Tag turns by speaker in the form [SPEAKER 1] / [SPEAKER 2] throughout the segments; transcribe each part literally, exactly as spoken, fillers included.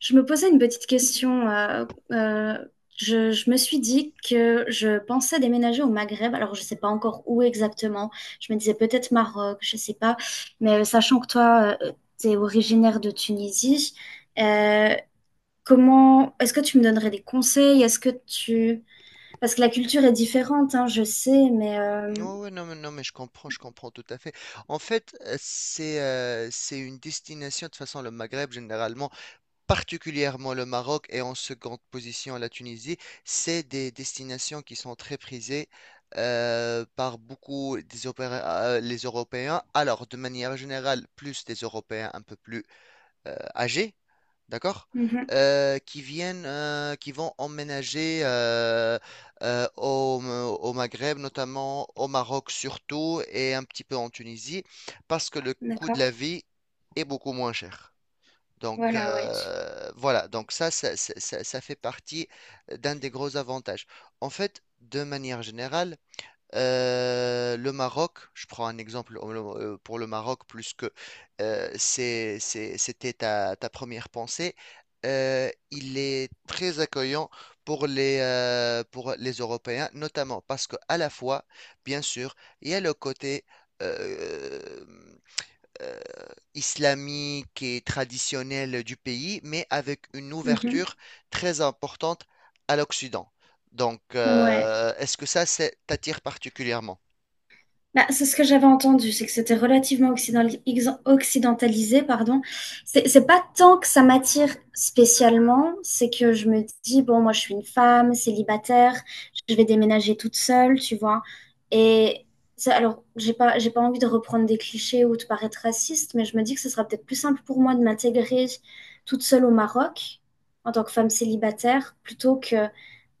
[SPEAKER 1] Je me posais une petite question. euh, euh, je, je me suis dit que je pensais déménager au Maghreb. Alors, je ne sais pas encore où exactement. Je me disais peut-être Maroc, je ne sais pas. Mais euh, sachant que toi, tu es originaire de Tunisie, euh, comment est-ce que tu me donnerais des conseils? Est-ce que tu... Parce que la culture est différente, hein, je sais, mais
[SPEAKER 2] Ouais,
[SPEAKER 1] euh,
[SPEAKER 2] ouais, non, mais, non, mais je comprends, je comprends tout à fait. En fait, euh, c'est euh, c'est une destination, de toute façon, le Maghreb généralement, particulièrement le Maroc et en seconde position la Tunisie, c'est des destinations qui sont très prisées euh, par beaucoup des opéra- euh, les Européens. Alors, de manière générale, plus des Européens un peu plus euh, âgés, d'accord?
[SPEAKER 1] Mhm.
[SPEAKER 2] Euh, qui viennent, euh, qui vont emménager euh, euh, au, au Maghreb, notamment au Maroc surtout, et un petit peu en Tunisie, parce que le coût de la
[SPEAKER 1] D'accord.
[SPEAKER 2] vie est beaucoup moins cher. Donc,
[SPEAKER 1] Voilà, ouais.
[SPEAKER 2] euh, voilà, donc ça, ça, ça, ça- ça fait partie d'un des gros avantages. En fait, de manière générale, euh, le Maroc, je prends un exemple euh, pour le Maroc, plus que euh, c'est- c'est- c'était ta, ta première pensée. Euh, il est très accueillant pour les, euh, pour les Européens, notamment parce que, à la fois, bien sûr, il y a le côté euh, euh, islamique et traditionnelle du pays, mais avec une
[SPEAKER 1] Mhm.
[SPEAKER 2] ouverture très importante à l'Occident. Donc,
[SPEAKER 1] Ouais.
[SPEAKER 2] euh, est-ce que ça, c'est- t'attire particulièrement?
[SPEAKER 1] Bah, c'est ce que j'avais entendu, c'est que c'était relativement occidentali- ex- occidentalisé, pardon. C'est c'est pas tant que ça m'attire spécialement, c'est que je me dis, bon, moi je suis une femme célibataire, je vais déménager toute seule, tu vois. Et ça, alors, j'ai pas, j'ai pas envie de reprendre des clichés ou de paraître raciste, mais je me dis que ce sera peut-être plus simple pour moi de m'intégrer toute seule au Maroc en tant que femme célibataire plutôt que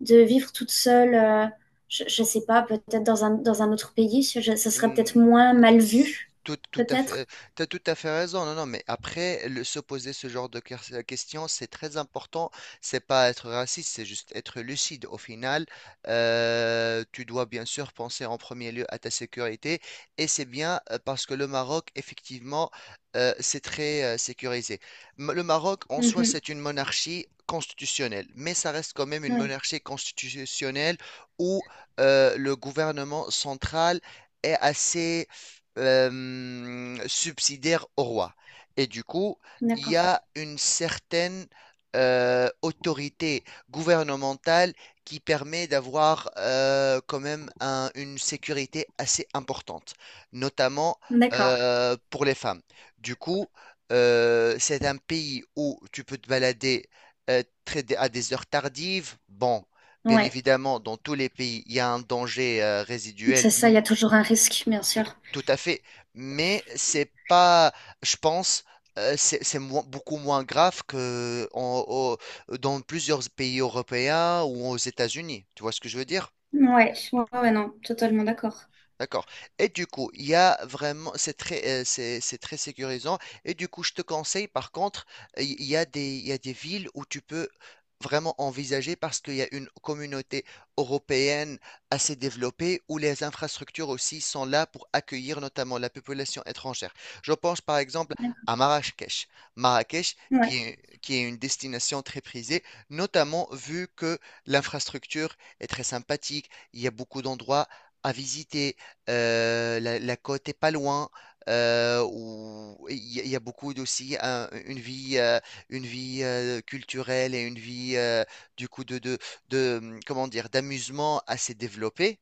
[SPEAKER 1] de vivre toute seule. Euh, je ne sais pas, peut-être dans un, dans un autre pays, je- ça serait
[SPEAKER 2] Hum,
[SPEAKER 1] peut-être moins mal
[SPEAKER 2] s-
[SPEAKER 1] vu,
[SPEAKER 2] Tout, tout à fait,
[SPEAKER 1] peut-être.
[SPEAKER 2] euh, t'as tout à fait raison. Non, non, mais après, le- se poser ce genre de ques- questions, c'est très important. C'est pas être raciste, c'est juste être lucide. Au final, euh, tu dois bien sûr penser en premier lieu à ta sécurité. Et c'est bien, euh, parce que le Maroc, effectivement, euh, c'est très euh, sécurisé. M- Le Maroc, en soi,
[SPEAKER 1] Mhm.
[SPEAKER 2] c'est une monarchie constitutionnelle, mais ça reste quand même une
[SPEAKER 1] Oui,
[SPEAKER 2] monarchie constitutionnelle où euh, le gouvernement central est assez euh, subsidiaire au roi. Et du coup, il y
[SPEAKER 1] d'accord.
[SPEAKER 2] a une certaine euh, autorité gouvernementale qui permet d'avoir, euh, quand même, un- une sécurité assez importante, notamment
[SPEAKER 1] D'accord.
[SPEAKER 2] euh, pour les femmes. Du coup, euh, c'est un pays où tu peux te balader euh, très- à des heures tardives. Bon. Bien
[SPEAKER 1] Ouais.
[SPEAKER 2] évidemment, dans tous les pays, il y a un danger euh,
[SPEAKER 1] C'est
[SPEAKER 2] résiduel,
[SPEAKER 1] ça, il y a toujours un risque, bien
[SPEAKER 2] tout,
[SPEAKER 1] sûr.
[SPEAKER 2] tout à fait. Mais c'est pas, je pense, euh, c'est c'est moins- beaucoup moins grave que en- au- dans plusieurs pays européens ou aux États-Unis. Tu vois ce que je veux dire?
[SPEAKER 1] Ouais, ouais, ouais, non, totalement d'accord.
[SPEAKER 2] D'accord. Et du coup, il y a vraiment, c'est très, euh, c'est, c'est très sécurisant. Et du coup, je te conseille, par contre, euh, il y a des, il y a des villes où tu peux vraiment envisager parce qu'il y a une communauté européenne assez développée où les infrastructures aussi sont là pour accueillir notamment la population étrangère. Je pense par exemple
[SPEAKER 1] D'accord.
[SPEAKER 2] à Marrakech. Marrakech,
[SPEAKER 1] Ouais.
[SPEAKER 2] qui est, qui est une destination très prisée, notamment vu que l'infrastructure est très sympathique. Il y a beaucoup d'endroits à visiter. Euh, la, la côte est pas loin, euh, où il y, a il y a beaucoup d'aussi un- une vie, euh, une vie euh, culturelle et une vie, euh, du coup, de, de, de, hum, comment dire, d'amusement assez développée.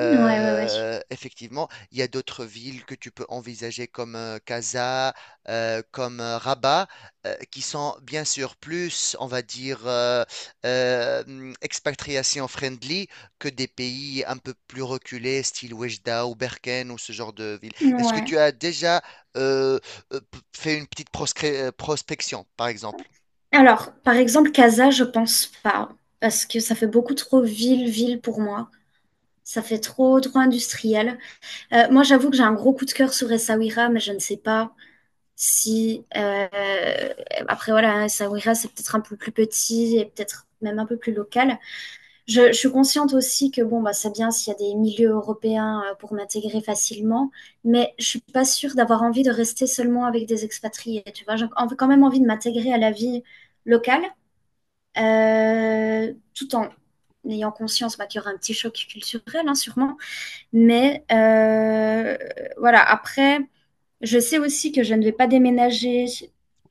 [SPEAKER 1] Ouais, ouais, ouais.
[SPEAKER 2] Effectivement, il y a d'autres villes que tu peux envisager comme euh, Casa, euh, comme euh, Rabat, euh, qui sont bien sûr plus, on va dire, euh, euh, hum, expatriation friendly que des pays un peu plus reculés, style Oujda ou Berkane ou ce genre de ville. Est-ce que
[SPEAKER 1] Ouais.
[SPEAKER 2] tu as déjà euh, euh, p- fait une petite proscré- euh, prospection, par exemple?
[SPEAKER 1] Alors, par exemple, Casa, je pense pas, parce que ça fait beaucoup trop ville-ville pour moi. Ça fait trop, trop industriel. Euh, moi, j'avoue que j'ai un gros coup de cœur sur Essaouira, mais je ne sais pas. Si euh, Après voilà, Sabrina c'est peut-être un peu plus petit et peut-être même un peu plus local. Je, je suis consciente aussi que bon bah c'est bien s'il y a des milieux européens euh, pour m'intégrer facilement, mais je suis pas sûre d'avoir envie de rester seulement avec des expatriés. Tu vois, j'ai quand même envie de m'intégrer à la vie locale, euh, tout en ayant conscience bah, qu'il y aura un petit choc culturel hein, sûrement. Mais euh, voilà après. Je sais aussi que je ne vais pas déménager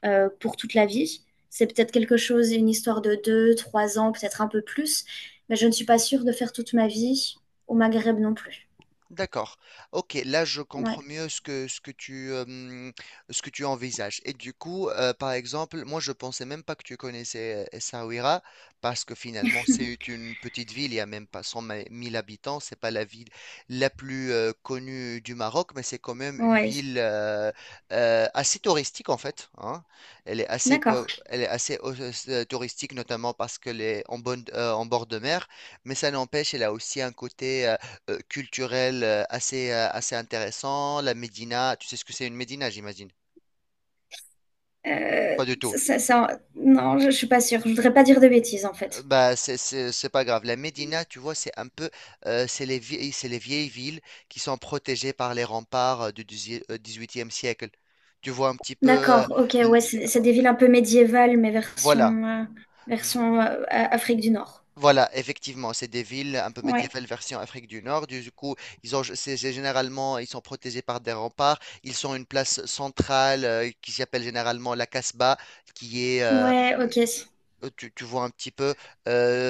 [SPEAKER 1] euh, pour toute la vie. C'est peut-être quelque chose, une histoire de deux, trois ans, peut-être un peu plus. Mais je ne suis pas sûre de faire toute ma vie au Maghreb non plus.
[SPEAKER 2] D'accord. Ok, là je
[SPEAKER 1] Ouais,
[SPEAKER 2] comprends mieux ce que ce que tu euh, hum, ce que tu envisages. Et du coup, euh, par exemple, moi je pensais même pas que tu connaissais euh, Essaouira, parce que finalement c'est une petite ville, il y a même pas cent mille habitants, c'est pas la ville la plus euh, connue du Maroc, mais c'est quand même une
[SPEAKER 1] ouais,
[SPEAKER 2] ville euh, euh, assez touristique en fait, hein. Elle est assez
[SPEAKER 1] d'accord.
[SPEAKER 2] peu- elle est assez euh, touristique, notamment parce qu'elle est en bonne euh, en bord de mer, mais ça n'empêche, elle a aussi un côté euh, culturel, euh, assez, euh, assez intéressant. La Médina, tu sais ce que c'est, une Médina, j'imagine?
[SPEAKER 1] Euh,
[SPEAKER 2] Pas du tout.
[SPEAKER 1] ça, ça- non, je, je suis pas sûre. Je voudrais pas dire de bêtises en
[SPEAKER 2] Euh,
[SPEAKER 1] fait.
[SPEAKER 2] Bah, c'est c'est- c'est pas grave. La Médina, tu vois, c'est un peu, euh, c'est les vieilles, c'est les vieilles villes qui sont protégées par les remparts euh, du dix-huitième siècle. Tu vois un petit peu, euh,
[SPEAKER 1] D'accord, ok, ouais,
[SPEAKER 2] l-
[SPEAKER 1] c'est c'est des villes un peu médiévales, mais
[SPEAKER 2] voilà.
[SPEAKER 1] version, euh,
[SPEAKER 2] V-
[SPEAKER 1] version euh, A- Afrique du Nord.
[SPEAKER 2] Voilà, effectivement, c'est des villes un peu
[SPEAKER 1] Ouais,
[SPEAKER 2] médiévales version Afrique du Nord. Du coup, ils ont, c'est c'est généralement, ils sont protégés par des remparts. Ils sont une place centrale, euh, qui s'appelle généralement la Casbah, qui est, euh,
[SPEAKER 1] ouais, ok,
[SPEAKER 2] euh, Tu, tu vois un petit peu,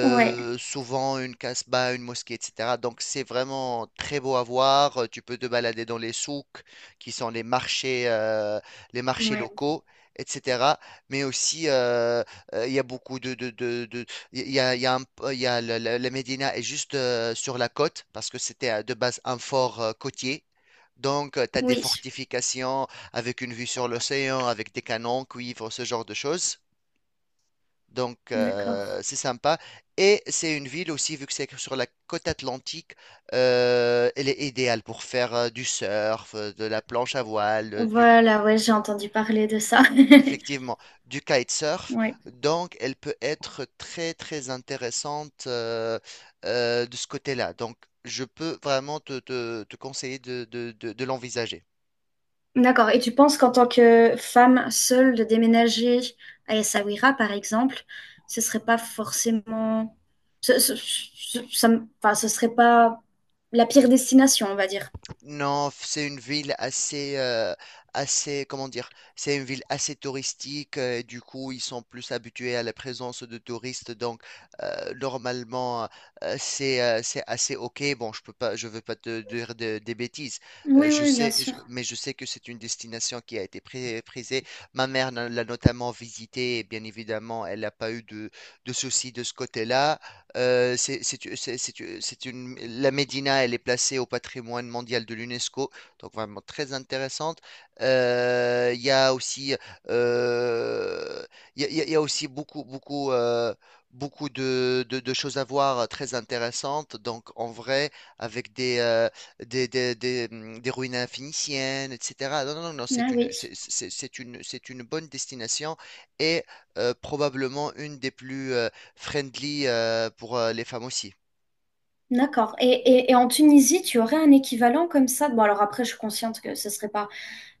[SPEAKER 1] ouais,
[SPEAKER 2] souvent, une casbah, une mosquée, et cetera. Donc c'est vraiment très beau à voir. Euh, Tu peux te balader dans les souks, qui sont les marchés, euh, les marchés
[SPEAKER 1] ouais,
[SPEAKER 2] locaux, et cetera. Mais aussi, euh, euh, il y a beaucoup de... de, de- de- il y a, il y a un- il y a le- le- la Médina est juste euh, sur la côte, parce que c'était euh, de base un fort euh, côtier. Donc, tu as des
[SPEAKER 1] oui,
[SPEAKER 2] fortifications avec une vue sur l'océan, avec des canons, cuivre, ce genre de choses. Donc,
[SPEAKER 1] d'accord.
[SPEAKER 2] euh, c'est sympa. Et c'est une ville aussi, vu que c'est sur la côte atlantique, euh, elle est idéale pour faire euh, du surf, euh, de la planche à voile, euh, du,
[SPEAKER 1] Voilà, ouais, j'ai entendu parler de ça.
[SPEAKER 2] effectivement, du kitesurf.
[SPEAKER 1] Ouais.
[SPEAKER 2] Donc, elle peut être très, très intéressante euh, euh, de ce côté-là. Donc, je peux vraiment te, te- te conseiller de de- de- de l'envisager.
[SPEAKER 1] D'accord. Et tu penses qu'en tant que femme seule, de déménager à Essaouira, par exemple, ce serait pas forcément, ce, ce, ce- ça me- enfin, ce serait pas la pire destination, on va dire.
[SPEAKER 2] Non, f- c'est une ville assez, euh, assez, comment dire, c'est une ville assez touristique, euh, et du coup, ils sont plus habitués à la présence de touristes. Donc, euh, normalement, euh, c'est, euh, c'est assez ok. Bon, je peux pas, je veux pas te dire de- des bêtises. Euh,
[SPEAKER 1] Oui,
[SPEAKER 2] je
[SPEAKER 1] oui, bien
[SPEAKER 2] sais, je-
[SPEAKER 1] sûr.
[SPEAKER 2] mais je sais que c'est une destination qui a été pré- prisée. Ma mère n'a- l'a notamment visitée. Et bien évidemment, elle n'a pas eu de, de soucis de ce côté-là. Euh, c'est, c'est, c'est- c'est c'est une, la Médina, elle est placée au patrimoine mondial de l'UNESCO, donc vraiment très intéressante. Euh, Il y a aussi, euh, il y a, il y a- il y a aussi beaucoup, beaucoup, euh, beaucoup de, de- de choses à voir euh, très intéressantes. Donc en vrai, avec des, euh, des, des, des, hum, des ruines phéniciennes, et cetera. Non, non, non, non, c'est
[SPEAKER 1] Ah
[SPEAKER 2] une,
[SPEAKER 1] oui.
[SPEAKER 2] c'est c'est- c'est une, c'est une bonne destination et, euh, probablement, une des plus euh, friendly euh, pour euh, les femmes aussi.
[SPEAKER 1] D'accord. Et, et, et en Tunisie, tu aurais un équivalent comme ça? Bon, alors après, je suis consciente que ce serait pas.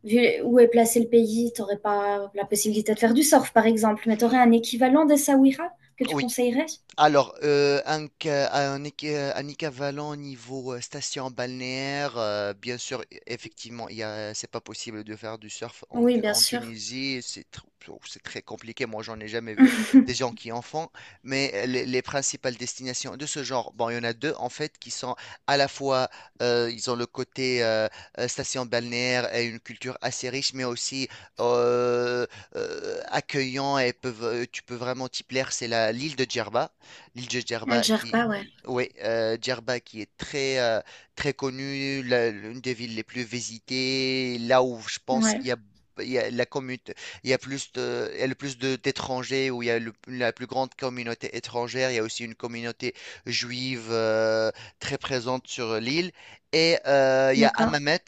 [SPEAKER 1] Vu où est placé le pays, t'aurais pas la possibilité de faire du surf, par exemple, mais t'aurais un équivalent des Sawira que tu
[SPEAKER 2] Oui,
[SPEAKER 1] conseillerais?
[SPEAKER 2] alors, euh, un, ca- un, équ- un équivalent niveau euh, station balnéaire, euh, bien sûr, e- effectivement, il y a, c'est pas possible de faire du surf en,
[SPEAKER 1] Oui,
[SPEAKER 2] Tu-
[SPEAKER 1] bien
[SPEAKER 2] en
[SPEAKER 1] sûr.
[SPEAKER 2] Tunisie, c'est tr- oh, c'est très compliqué. Moi, j'en ai jamais vu des gens qui en font, mais, euh, les, les principales destinations de ce genre, bon, il y en a deux en fait qui sont à la fois, euh, ils ont le côté, euh, euh, station balnéaire et une culture assez riche, mais aussi euh, euh, accueillant et peuvent, euh, tu peux vraiment t'y plaire. C'est la l'île de Djerba, l'île de Djerba qui,
[SPEAKER 1] Algerba, ouais.
[SPEAKER 2] oui, euh, Djerba qui est très, euh, très connue, la- l'une des villes les plus visitées, là où je pense
[SPEAKER 1] Ouais,
[SPEAKER 2] il y a, il y a la commute, il y a plus de, il y a le plus de- d'étrangers, où il y a le- la plus grande communauté étrangère, il y a aussi une communauté juive euh, très présente sur l'île, et euh, il y a
[SPEAKER 1] d'accord.
[SPEAKER 2] Hammamet,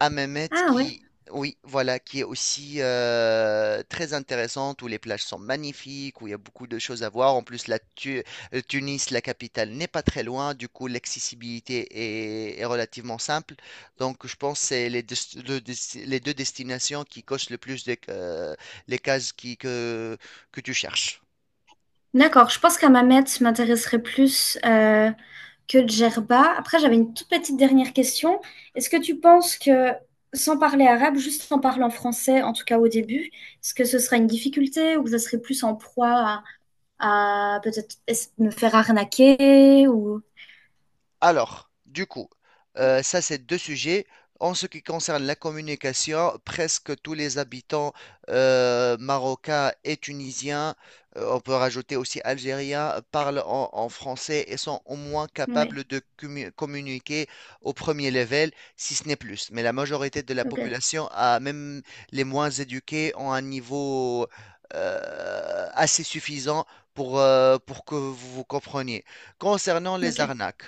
[SPEAKER 2] à Mehmet
[SPEAKER 1] Ah ouais.
[SPEAKER 2] qui, oui, voilà, qui est aussi euh, très intéressante, où les plages sont magnifiques, où il y a beaucoup de choses à voir. En plus, la Tu- euh, Tunis, la capitale, n'est pas très loin, du coup, l'accessibilité est, est relativement simple. Donc, je pense que c'est les, des- le des- les deux destinations qui cochent le plus de- euh, les cases qui, que, que tu cherches.
[SPEAKER 1] D'accord, je pense qu'à Mamet m'intéresserait plus euh, que Djerba. Après, j'avais une toute petite dernière question. Est-ce que tu penses que, sans parler arabe, juste en parlant français, en tout cas au début, est-ce que ce serait une difficulté ou que ce serait plus en proie à, à peut-être es- me faire arnaquer ou...
[SPEAKER 2] Alors, du coup, euh, ça c'est deux sujets. En ce qui concerne la communication, presque tous les habitants, euh, marocains et tunisiens, euh, on peut rajouter aussi algériens, parlent en, en français et sont au moins
[SPEAKER 1] Oui.
[SPEAKER 2] capables de commu- communiquer au premier level, si ce n'est plus. Mais la majorité de la
[SPEAKER 1] Ok,
[SPEAKER 2] population, a, même les moins éduqués, ont un niveau euh, assez suffisant pour, euh, pour que vous vous compreniez. Concernant les
[SPEAKER 1] ok,
[SPEAKER 2] arnaques.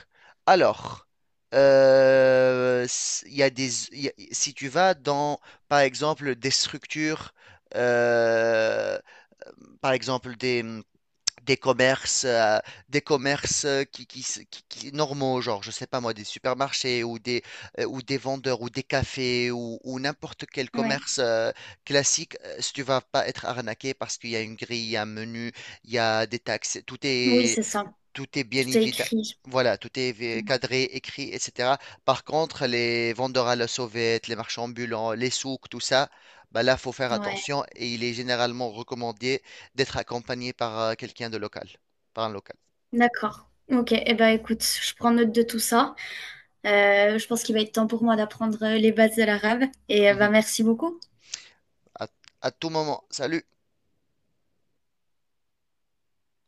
[SPEAKER 2] Alors, euh, s- il y a des, il y a- si tu vas dans, par exemple, des structures, euh, par exemple des, hum, des commerces, euh, des commerces euh, qui, qui, s- qui- qui- normaux, genre, je sais pas moi, des supermarchés ou des, euh, ou des vendeurs ou des cafés ou, ou n'importe quel
[SPEAKER 1] ouais.
[SPEAKER 2] commerce euh, classique. Euh, si tu vas pas être arnaqué, parce qu'il y a une grille, il y a un menu, il y a des taxes, tout
[SPEAKER 1] Oui,
[SPEAKER 2] est
[SPEAKER 1] c'est ça.
[SPEAKER 2] tout est bien
[SPEAKER 1] Tout est
[SPEAKER 2] évident.
[SPEAKER 1] écrit.
[SPEAKER 2] Voilà, tout est vi- cadré, écrit, et cetera. Par contre, les vendeurs à la sauvette, les marchands ambulants, les souks, tout ça, bah là, faut faire
[SPEAKER 1] Ouais,
[SPEAKER 2] attention, et il est généralement recommandé d'être accompagné par euh, quelqu'un de local, par un local.
[SPEAKER 1] d'accord. Ok, eh ben écoute, je prends note de tout ça. Euh, je pense qu'il va être temps pour moi d'apprendre euh, les bases de l'arabe. Et euh,
[SPEAKER 2] Mhm.
[SPEAKER 1] ben merci beaucoup.
[SPEAKER 2] À, à tout moment. Salut.